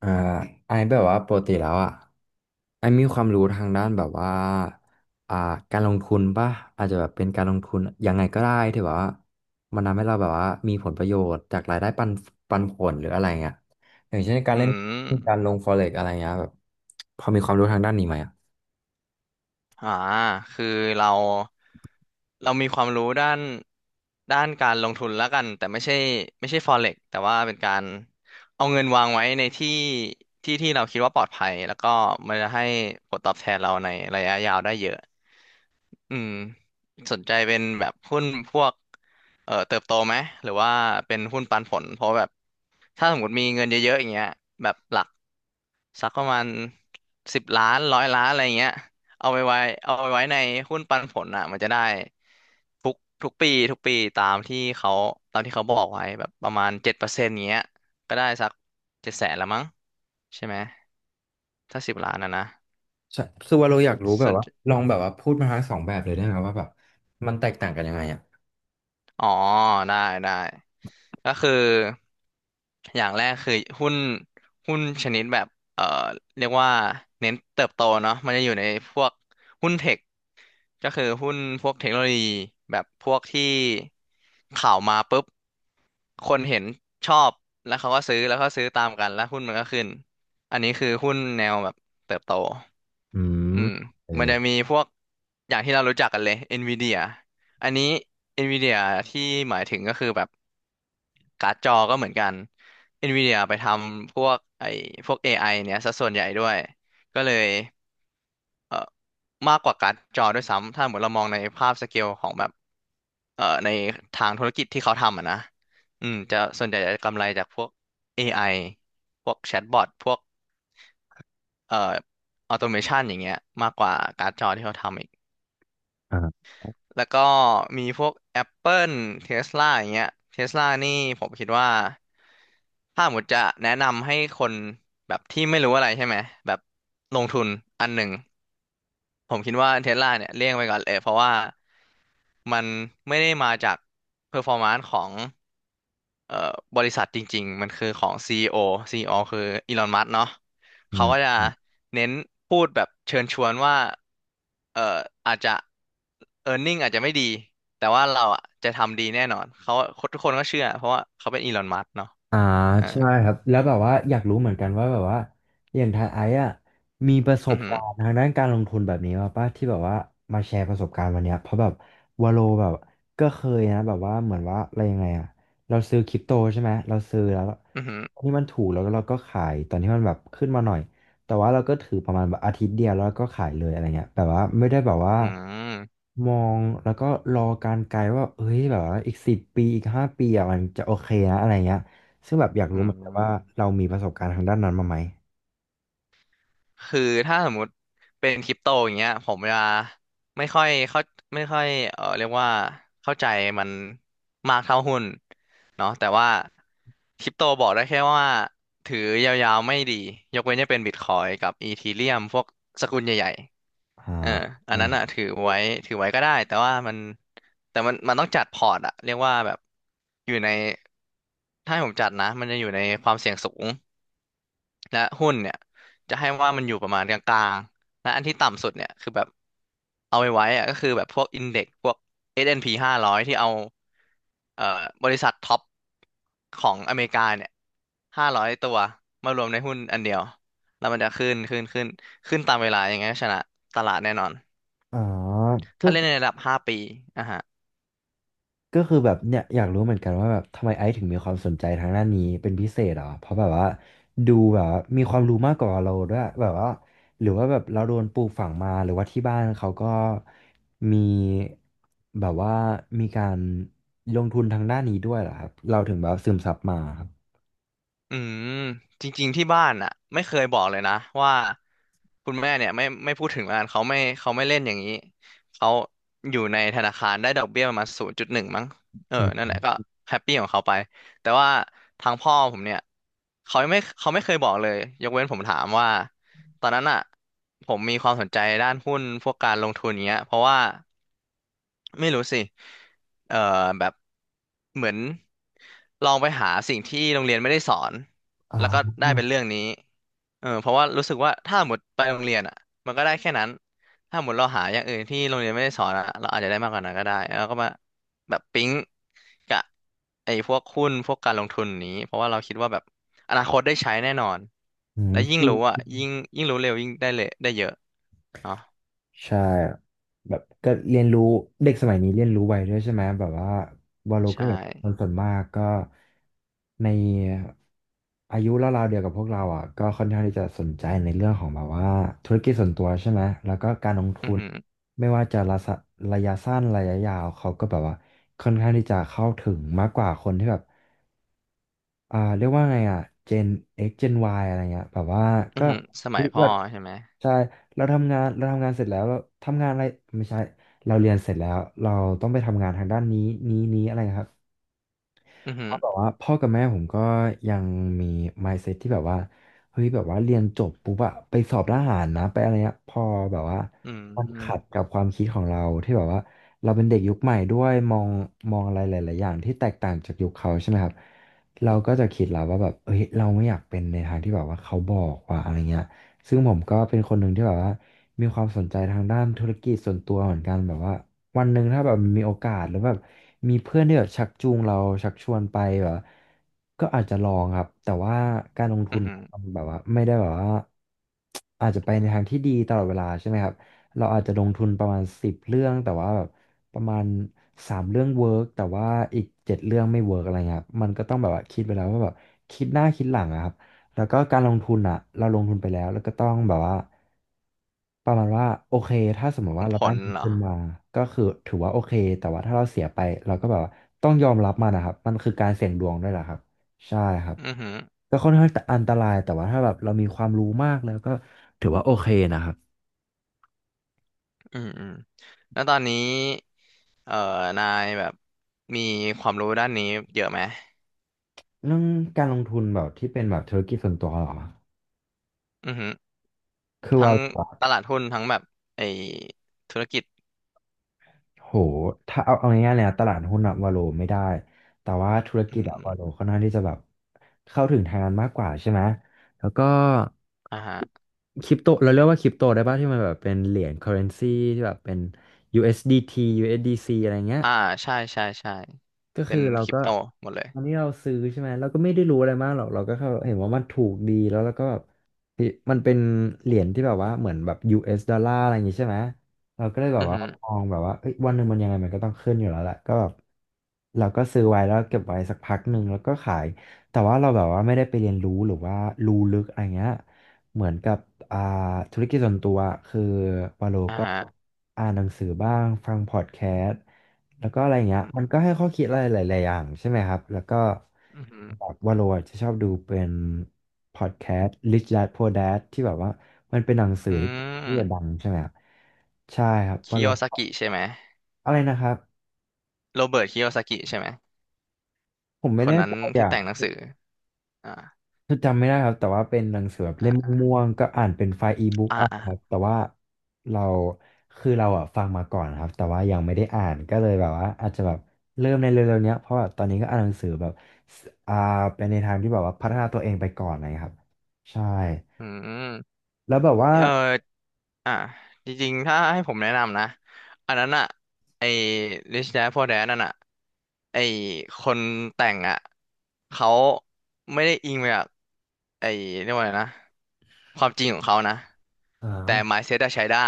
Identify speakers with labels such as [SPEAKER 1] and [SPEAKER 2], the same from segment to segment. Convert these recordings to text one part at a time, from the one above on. [SPEAKER 1] อ่าไอแบบว่าปกติแล้วอ่ะไอมีความรู้ทางด้านแบบว่าอ่าการลงทุนป่ะอาจจะแบบเป็นการลงทุนยังไงก็ได้ที่แบบว่ามันทำให้เราแบบว่ามีผลประโยชน์จากรายได้ปันผลหรืออะไรเงี้ยอย่างเช่นการ
[SPEAKER 2] อื
[SPEAKER 1] เล่นการล
[SPEAKER 2] ม
[SPEAKER 1] ง forex อะไรเงี้ยแบบพอมีความรู้ทางด้านนี้ไหมอ่ะ
[SPEAKER 2] อ่าคือเราเรามีความรู้ด้านการลงทุนแล้วกันแต่ไม่ใช่Forex แต่ว่าเป็นการเอาเงินวางไว้ในที่ที่เราคิดว่าปลอดภัยแล้วก็มันจะให้ผลตอบแทนเราในระยะยาวได้เยอะอืมสนใจเป็นแบบหุ้นพวกเติบโตไหมหรือว่าเป็นหุ้นปันผลเพราะแบบถ้าสมมติมีเงินเยอะๆอย่างเงี้ยแบบหลัก สักประมาณ10 ล้าน100 ล้านอะไรเงี้ยเอาไปไว้เอาไปไว้ในหุ้นปันผลอ่ะมันจะได้ทุกทุกปีตามที่เขาตามที่เขาบอกไว้แบบประมาณ7%เงี้ยก็ได้สัก700,000ละมั้งใช่ไหมถ้าสิบล้านนะนะ
[SPEAKER 1] ใช่คือว่าเราอยากรู้แบ
[SPEAKER 2] ส่
[SPEAKER 1] บ
[SPEAKER 2] วน
[SPEAKER 1] ว่าลองแบบว่าพูดมาทั้งสองแบบเลยได้ไหมว่าแบบมันแตกต่างกันยังไงอ่ะ
[SPEAKER 2] อ๋อได้ได้ก็คืออย่างแรกคือหุ้นหุ้นชนิดแบบเอ่อเรียกว่าเน้นเติบโตเนาะมันจะอยู่ในพวกหุ้นเทค ก็คือหุ้นพวกเทคโนโลยีแบบพวกที่ข่าวมาปุ๊บคนเห็นชอบแล้วเขาก็ซื้อแล้วก็ซื้อตามกันแล้วหุ้นมันก็ขึ้นอันนี้คือหุ้นแนวแบบเติบโต
[SPEAKER 1] อื
[SPEAKER 2] อื
[SPEAKER 1] ม
[SPEAKER 2] ม
[SPEAKER 1] เออ
[SPEAKER 2] มันจะมีพวกอย่างที่เรารู้จักกันเลย NVIDIA อันนี้ NVIDIA ที่หมายถึงก็คือแบบการ์ดจอก็เหมือนกัน NVIDIA ไปทำพวกไอ้พวก AI เนี่ยซะส่วนใหญ่ด้วยก็เลย เอ่อมากกว่าการ์ดจอด้วยซ้ำถ้าเหมือนเรามองในภาพสเกลของแบบในทางธุรกิจที่เขาทำอะนะอืมจะส่วนใหญ่จะกำไรจากพวก AI พวกแชทบอทพวกเอ่อออโตเมชันอย่างเงี้ยมากกว่าการ์ดจอที่เขาทำอีก
[SPEAKER 1] อ่า
[SPEAKER 2] แล้วก็มีพวก Apple Tesla อย่างเงี้ย Tesla นี่ผมคิดว่าถ้าหมดจะแนะนำให้คนแบบที่ไม่รู้อะไรใช่ไหมแบบลงทุนอันหนึ่ง ผมคิดว่าเทสลาเนี่ยเลี่ยงไปก่อนเลยเพราะว่ามันไม่ได้มาจากเพอร์ฟอร์มานซ์ของเอ่อบริษัทจริงๆมันคือของ CEO ีอีโอซีอีโอคืออีลอนมัสเนาะ
[SPEAKER 1] อื
[SPEAKER 2] เขาก็จะ
[SPEAKER 1] ม
[SPEAKER 2] เน้นพูดแบบเชิญชวนว่าเอ่ออาจจะ earning อาจจะไม่ดีแต่ว่าเราอ่ะจะทำดีแน่นอนเขาทุกคนก็เชื่อเพราะว่าเขาเป็นอีลอนมัสเนาะ
[SPEAKER 1] อ่า
[SPEAKER 2] อ่า
[SPEAKER 1] ใช่ครับแล้วแบบว่าอยากรู้เหมือนกันว่าแบบว่าอย่างทายไอซ์อะมีประส
[SPEAKER 2] อื
[SPEAKER 1] บ
[SPEAKER 2] อหือ
[SPEAKER 1] การณ์ทางด้านการลงทุนแบบนี้มาป่ะที่แบบว่ามาแชร์ประสบการณ์วันเนี้ยเพราะแบบวาโลแบบก็เคยนะแบบว่าเหมือนว่าอะไรยังไงอะเราซื้อคริปโตใช่ไหมเราซื้อแล้ว
[SPEAKER 2] อือหือ
[SPEAKER 1] ตอนที่มันถูกแล้วก็เราก็ขายตอนที่มันแบบขึ้นมาหน่อยแต่ว่าเราก็ถือประมาณแบบอาทิตย์เดียวแล้วก็ขายเลยอะไรเงี้ยแบบว่าไม่ได้แบบว่า
[SPEAKER 2] อืม
[SPEAKER 1] มองแล้วก็รอการไกลว่าเฮ้ยแบบว่าอีกสิบปีอีกห้าปีอ่ะมันจะโอเคนะอะไรเงี้ย ซึ่งแบบอยาก
[SPEAKER 2] อื
[SPEAKER 1] รู้เหมือนกันว่า
[SPEAKER 2] ม
[SPEAKER 1] เรามีประสบการณ์ทางด้านนั้นมาไหม
[SPEAKER 2] คือถ้าสมมุติเป็นคริปโตอย่างเงี้ยผมจะไม่ค่อยเข้าไม่ค่อยเออเรียกว่าเข้าใจมันมากเท่าหุ้นเนาะแต่ว่าคริปโตบอกได้แค่ว่าถือยาวๆไม่ดียกเว้นจะเป็นบิตคอยกับอีทีเรียมพวกสกุลใหญ่
[SPEAKER 1] อ่า
[SPEAKER 2] ๆเอออัน
[SPEAKER 1] อ่า
[SPEAKER 2] นั้นอ่ะถือไว้ถือไว้ก็ได้แต่ว่ามันแต่มันต้องจัดพอร์ตอะเรียกว่าแบบอยู่ในถ้าให้ผมจัดนะมันจะอยู่ในความเสี่ยงสูง และหุ้นเนี่ยจะให้ว่ามันอยู่ประมาณกลางๆ และอันที่ต่ำสุดเนี่ยคือแบบเอาไว้อะก็คือแบบพวกอินเด็กพวก S&P 500ที่เอาเอ่อบริษัทท็อปของอเมริกาเนี่ย500 ตัวมารวมในหุ้นอันเดียวแล้วมันจะขึ้นขึ้นตามเวลาอย่างเงี้ยชนะตลาดแน่นอน
[SPEAKER 1] อ๋อก็
[SPEAKER 2] ถ้าเล่นในระดับ5 ปีอ่ะฮะ
[SPEAKER 1] ก็คือแบบเนี่ยอยากรู้เหมือนกันว่าแบบทำไมไอซ์ถึงมีความสนใจทางด้านนี้เป็นพิเศษเหรอเพราะแบบว่าดูแบบว่ามีความรู้มากกว่าเราด้วยแบบว่าหรือว่าแบบเราโดนปลูกฝังมาหรือว่าที่บ้านเขาก็มีแบบว่ามีการลงทุนทางด้านนี้ด้วยเหรอครับเราถึงแบบซึมซับมาครับ
[SPEAKER 2] อืมจริงๆที่บ้านอ่ะไม่เคยบอกเลยนะว่าคุณแม่เนี่ยไม่พูดถึงมันเขาไม่เขาไม่เล่นอย่างนี้เขาอยู่ในธนาคารได้ดอกเบี้ยประมาณ0.1มั้งเออ
[SPEAKER 1] อื
[SPEAKER 2] นั่นแห
[SPEAKER 1] ม
[SPEAKER 2] ละก็แฮปปี้ของเขาไปแต่ว่าทางพ่อผมเนี่ยเขาไม่เขาไม่เคยบอกเลยยกเว้นผมถามว่าตอนนั้นอ่ะผมมีความสนใจด้านหุ้นพวกการลงทุนเงี้ยเพราะว่า ไม่รู้สิเอ่อแบบเหมือนลองไปหาสิ่งที่โรงเรียนไม่ได้สอน
[SPEAKER 1] อ่
[SPEAKER 2] แล้วก็ได้
[SPEAKER 1] า
[SPEAKER 2] เป็นเรื่องนี้เออเพราะว่ารู้สึกว่าถ้าหมดไปโรงเรียนอ่ะมันก็ได้แค่นั้นถ้าหมดเราหาอย่างอื่นที่โรงเรียนไม่ได้สอนอ่ะเราอาจจะได้มากกว่านั้นก็ได้แล้วก็มาแบบปิ๊งกับไอ้พวกหุ้นพวกการลงทุนนี้เพราะว่าเราคิดว่าแบบอนาคตได้ใช้แน่นอน
[SPEAKER 1] อื
[SPEAKER 2] และยิ่งรู้อ่ะ
[SPEAKER 1] ม
[SPEAKER 2] ยิ่งรู้เร็วยิ่งได้เลยได้เยอะเนาะ
[SPEAKER 1] ใช่แบบก็เรียนรู้เด็กสมัยนี้เรียนรู้ไวด้วยใช่ไหมแบบว่าวาโลก็
[SPEAKER 2] ใช่
[SPEAKER 1] เห็นคนส่วนมากก็ในอายุราวๆเดียวกับพวกเราอ่ะก็ค่อนข้างที่จะสนใจในเรื่องของแบบว่าธุรกิจส่วนตัวใช่ไหมแล้วก็การลง
[SPEAKER 2] อื
[SPEAKER 1] ทุ
[SPEAKER 2] อ
[SPEAKER 1] น
[SPEAKER 2] หือ
[SPEAKER 1] ไม่ว่าจะระยะสั้นระยะยาวเขาก็แบบว่าค่อนข้างที่จะเข้าถึงมากกว่าคนที่แบบ เรียกว่าไงอ่ะ Gen X Gen Y อะไรเงี้ยแบบว่า
[SPEAKER 2] อื
[SPEAKER 1] ก็
[SPEAKER 2] อหือส
[SPEAKER 1] เฮ้
[SPEAKER 2] มัย
[SPEAKER 1] ย
[SPEAKER 2] พ่อ
[SPEAKER 1] เรา
[SPEAKER 2] ใช่ไหม
[SPEAKER 1] ใช่เราทำงานเสร็จแล้วเราทำงานอะไรไม่ใช่เราเรียนเสร็จแล้วเราต้องไปทำงานทางด้านนี้อะไรครับ
[SPEAKER 2] อือ
[SPEAKER 1] เพ
[SPEAKER 2] หือ
[SPEAKER 1] ราะแบบว่าพ่อกับแม่ผมก็ยังมี mindset ที่แบบว่าเฮ้ยแบบว่าเรียนจบปุ๊บอะไปสอบทหารนะไปอะไรเงี้ยพอแบบว่า
[SPEAKER 2] อืม
[SPEAKER 1] มันขัดกับความคิดของเราที่แบบว่าเราเป็นเด็กยุคใหม่ด้วยมองอะไรหลายๆอย่างที่แตกต่างจากยุคเขาใช่ไหมครับเราก็จะคิดแล้วว่าแบบเฮ้ยเราไม่อยากเป็นในทางที่แบบว่าเขาบอกว่าอะไรเงี้ยซึ่งผมก็เป็นคนหนึ่งที่แบบว่ามีความสนใจทางด้านธุรกิจส่วนตัวเหมือนกันแบบว่า วันหนึ่งถ้าแบบมีโอกาสหรือแบบมีเพื่อนที่แบบชักจูงเราชักชวนไปแบบก็อาจจะลองครับแต่ว่าการลงทุ
[SPEAKER 2] อือ
[SPEAKER 1] น
[SPEAKER 2] หือ
[SPEAKER 1] มันแบบว่าไม่ได้แบบว่าอาจจะไปในทางที่ดีตลอดเวลาใช่ไหมครับเราอาจจะลงทุนประมาณสิบเรื่องแต่ว่าแบบประมาณสามเรื่องเวิร์กแต่ว่าอีกเจ็ดเรื่องไม่เวิร์กอะไรเงี้ยครับมันก็ต้องแบบว่าคิดไปแล้วว่าแบบคิดหน้าคิดหลังอะครับ แล้วก็การลงทุนอ่ะเราลงทุนไปแล้วแล้วก็ต้องแบบว่าประมาณว่าโอเคถ้าสมม
[SPEAKER 2] ห
[SPEAKER 1] ติ
[SPEAKER 2] วัง
[SPEAKER 1] ว่า
[SPEAKER 2] ผ
[SPEAKER 1] เราได้
[SPEAKER 2] ล
[SPEAKER 1] มัน
[SPEAKER 2] เหร
[SPEAKER 1] คื
[SPEAKER 2] อ
[SPEAKER 1] นมาก็คือถือว่าโอเคแต่ว่าถ้าเราเสียไปเราก็แบบว่าต้องยอมรับมันนะครับมันคือการเสี่ยงดวงด้วยแหละครับใช่ครับ
[SPEAKER 2] อือหือ
[SPEAKER 1] ก็ค่อนข้างอันตรายแต่ว่าถ้าแบบเรามีความรู้มากแล้วก็ถือว่าโอเคนะครับ
[SPEAKER 2] อืมอืมแล้วตอนนี้เอ่อนายแบบมีความรู้ด้านนี้เยอะไหม
[SPEAKER 1] เรื่องการลงทุนแบบที่เป็นแบบธุรกิจส่วนตัวเหรอ
[SPEAKER 2] อือหือ
[SPEAKER 1] คือ
[SPEAKER 2] ทั้
[SPEAKER 1] ว่า
[SPEAKER 2] งตลาดหุ้นทั้งแบบไอธุรกิจ
[SPEAKER 1] โห ถ้าเอาง่ายๆเลยนะตลาดหุ้นอะวาโลไม่ได้ แต่ว่าธุรกิ
[SPEAKER 2] อื
[SPEAKER 1] จอะ
[SPEAKER 2] ม
[SPEAKER 1] วาโลค่อนข้างที่จะแบบเข้าถึงทางนั้นมากกว่าใช่ไหม แล้วก็
[SPEAKER 2] อ่าฮะ
[SPEAKER 1] คริปโตเราเรียกว่าคริปโตได้ป่ะที่มันแบบเป็นเหรียญ currency ที่แบบเป็น USDT USDC อสดีทียูเอสดีซีอะไรเงี้ย
[SPEAKER 2] อ่า ใช่ ใช่ ใช่
[SPEAKER 1] ก็
[SPEAKER 2] เป็
[SPEAKER 1] คือ
[SPEAKER 2] น
[SPEAKER 1] เรา
[SPEAKER 2] คริป
[SPEAKER 1] ก็
[SPEAKER 2] โตหมดเลย
[SPEAKER 1] ตอนนี้เราซื้อใช่ไหมเราก็ไม่ได้รู้อะไรมากหรอกเราก็แค่เห็นว่ามันถูกดีแล้วเราก็แบบเฮ้ยมันเป็นเหรียญที่แบบว่าเหมือนแบบ US ดอลลาร์อะไรอย่างงี้ใช่ไหมเราก็เลยแบ
[SPEAKER 2] อื
[SPEAKER 1] บ
[SPEAKER 2] อ
[SPEAKER 1] ว่า
[SPEAKER 2] หือ
[SPEAKER 1] มองแบบว่าเอ้ยวันหนึ่งมันยังไงมันก็ต้องขึ้นอยู่แล้วแหละก็แบบเราก็ซื้อไว้แล้วเก็บไว้สักพักหนึ่งแล้วก็ขายแต่ว่าเราแบบว่าไม่ได้ไปเรียนรู้หรือว่ารู้ลึกอะไรเงี้ยเหมือนกับอ่าธุรกิจส่วนตัวคือวาโล
[SPEAKER 2] อ่า
[SPEAKER 1] ก็
[SPEAKER 2] ฮะ
[SPEAKER 1] อ่านหนังสือบ้างฟังพอดแคสต์ แล้วก็อะไรเงี้
[SPEAKER 2] อื
[SPEAKER 1] ยมัน
[SPEAKER 2] ม
[SPEAKER 1] ก็ให้ข้อคิดอะไรหลายๆอย่างใช่ไหมครับแล้วก็
[SPEAKER 2] อือหือ
[SPEAKER 1] แบบว่าโรอจะชอบดูเป็นพอดแคสต์ Rich Dad Poor Dad ที่แบบว่ามันเป็นหนังสือ
[SPEAKER 2] อื
[SPEAKER 1] ที่จะดั
[SPEAKER 2] ม
[SPEAKER 1] งใช่ไหมครับใช่ครับว่า
[SPEAKER 2] คิ
[SPEAKER 1] โร
[SPEAKER 2] โยซากิใช่ไหม
[SPEAKER 1] อะไรนะครับ
[SPEAKER 2] โรเบิร์ตคิโยซากิใช่ไหม
[SPEAKER 1] ผมไม่
[SPEAKER 2] คน
[SPEAKER 1] แน่
[SPEAKER 2] นั้น
[SPEAKER 1] ใจ
[SPEAKER 2] ที่
[SPEAKER 1] อ่ะ
[SPEAKER 2] แต่งหนังสืออ่า
[SPEAKER 1] คือจำไม่ได้ครับแต่ว่าเป็นหนังสือแบบเล่ม
[SPEAKER 2] อ่า
[SPEAKER 1] ม่วงๆก็อ่านเป็นไฟล์อีบุ๊ก
[SPEAKER 2] อ่า
[SPEAKER 1] อ่ะ
[SPEAKER 2] อ่า
[SPEAKER 1] ครับแต่ว่าเราเราอ่ะฟังมาก่อนครับแต่ว่ายังไม่ได้อ่านก็เลยแบบว่าอาจจะแบบเริ่มในเร็วๆเนี้ยเพราะแบบตอนนี้ก็อ่านหนังสือแบบสเป็นในทางที่แบบว่าพัฒนาตัวเองไปก่อนอะไรอยครับใช่
[SPEAKER 2] อืม
[SPEAKER 1] แล้วแบบว่า
[SPEAKER 2] เออ อ่ะจริงๆถ้าให้ผมแนะนำนะอันนั้นอ่ะไอ้ Rich Dad Poor Dad นั่นอ่ะไอ้คนแต่งอ่ะเขาไม่ได้อิงมาจากไอ้เรียกว่าอะไรนะความจริงของเขานะ
[SPEAKER 1] อ
[SPEAKER 2] แต่
[SPEAKER 1] ่า
[SPEAKER 2] mindset อะใช้ได้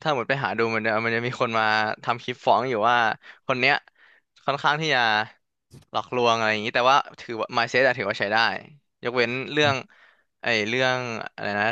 [SPEAKER 2] ถ้าหมดไปหาดูมันจะมีคนมาทำคลิปฟ้องอยู่ว่าคนเนี้ยค่อนข้างที่จะหลอกลวงอะไรอย่างนี้แต่ว่าถือว่า mindset อะถือว่าใช้ได้ยกเว้นเรื่องไอ้เรื่องอะไรนะ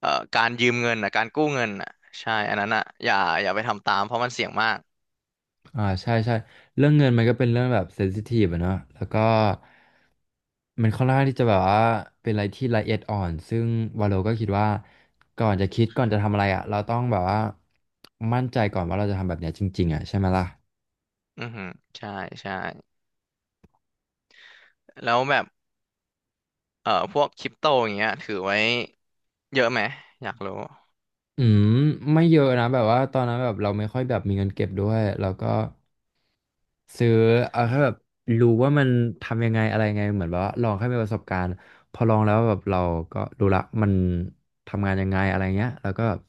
[SPEAKER 2] เอ่อการยืมเงินอ่ะการกู้เงินอ่ะใช่อันนั้นอ่ะอย่าไปทำตามเพราะมันเสี่ยงมาก
[SPEAKER 1] ใช่ใช่เรื่องเงินมันก็เป็นเรื่องแบบเซนซิทีฟอะเนาะแล้วก็ มันค่อนข้างที่จะแบบว่าเป็นอะไรที่ละเอียดอ่อนซึ่งวาโลก็คิดว่าก่อนจะคิดก่อนจะทำอะไรอ่ะเราต้องแบบว่ามั่นใจก่อนว่าเราจะทำแบบเนี้ยจริงๆอ่ะใช่ไหมล่ะ
[SPEAKER 2] อือหือใช่ใช่แล้วแบบพวกคริปโตอย่างเงี้ยถือไว้เยอะไหมอยากรู้
[SPEAKER 1] อืมไม่เยอะนะแบบว่าตอนนั้นแบบเราไม่ค่อยแบบมีเงินเก็บด้วยแล้วก็ซื้อเอาแค่แบบรู้ว่ามันทำยังไงอะไรไงเหมือนแบบว่าลองแค่มีประสบการณ์พอลองแล้วแบบเราก็รู้ละมันทำงานยังไงอะไรเงี้ยแล้วก็แบบ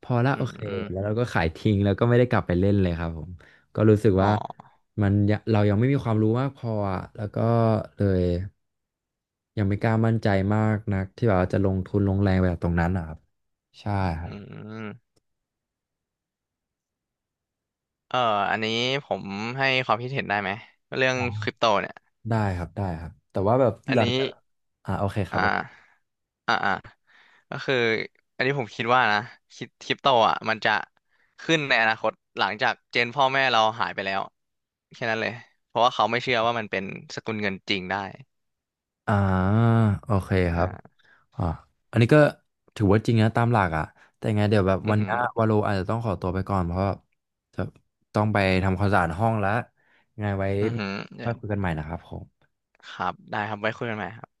[SPEAKER 1] พอละ
[SPEAKER 2] อื
[SPEAKER 1] โอเคแล้ว
[SPEAKER 2] ม
[SPEAKER 1] เราก็ขายทิ้งแล้วก็ไม่ได้กลับไปเล่นเลยครับผมก็รู้สึก
[SPEAKER 2] อ๋อ
[SPEAKER 1] ว่ามันยังเรายังไม่มีความรู้มากพออะแล้วก็เลยยังไม่กล้ามั่นใจมากนักที่แบบว่าจะลงทุนลงแรงไปกับตรงนั้นนะครับใช่ครั
[SPEAKER 2] อื
[SPEAKER 1] บ
[SPEAKER 2] มเอ่ออันนี้ผมให้ความคิดเห็นได้ไหมเรื่อง
[SPEAKER 1] อ๋
[SPEAKER 2] คริป
[SPEAKER 1] อ
[SPEAKER 2] โตเนี่ย
[SPEAKER 1] ได้ครับได้ครับแต่ว่าแบบ
[SPEAKER 2] อั
[SPEAKER 1] ห
[SPEAKER 2] น
[SPEAKER 1] ลัง
[SPEAKER 2] นี้
[SPEAKER 1] จากโอเคครั
[SPEAKER 2] อ่า
[SPEAKER 1] บ
[SPEAKER 2] อ่าอ่าก็คืออันนี้ผมคิดว่านะคริปโตอ่ะมันจะขึ้นในอนาคตหลังจากเจนพ่อแม่เราหายไปแล้ว แค่นั้นเลย เพราะว่าเขาไม่เชื่อว่ามันเป็นสกุลเงินจริงได้
[SPEAKER 1] อ่าโอเคครับ
[SPEAKER 2] อ่า
[SPEAKER 1] อ๋ออันนี้ก็ถือว่าจริงนะตามหลักอ่ะแต่ไงเดี๋ยวแบบ
[SPEAKER 2] อื
[SPEAKER 1] วั
[SPEAKER 2] อ
[SPEAKER 1] น
[SPEAKER 2] หื
[SPEAKER 1] นี้
[SPEAKER 2] อ
[SPEAKER 1] วาโลอาจจะต้องขอตัวไปก่อนเพราะว่าจะต้องไปทำความสะอาดห้องแล้วยังไงไว้
[SPEAKER 2] อือหือเดี๋
[SPEAKER 1] มา
[SPEAKER 2] ยว
[SPEAKER 1] คุยกันใหม่นะครับผม
[SPEAKER 2] ครับได้ครับ ไว้คุยกันใหม่ครับ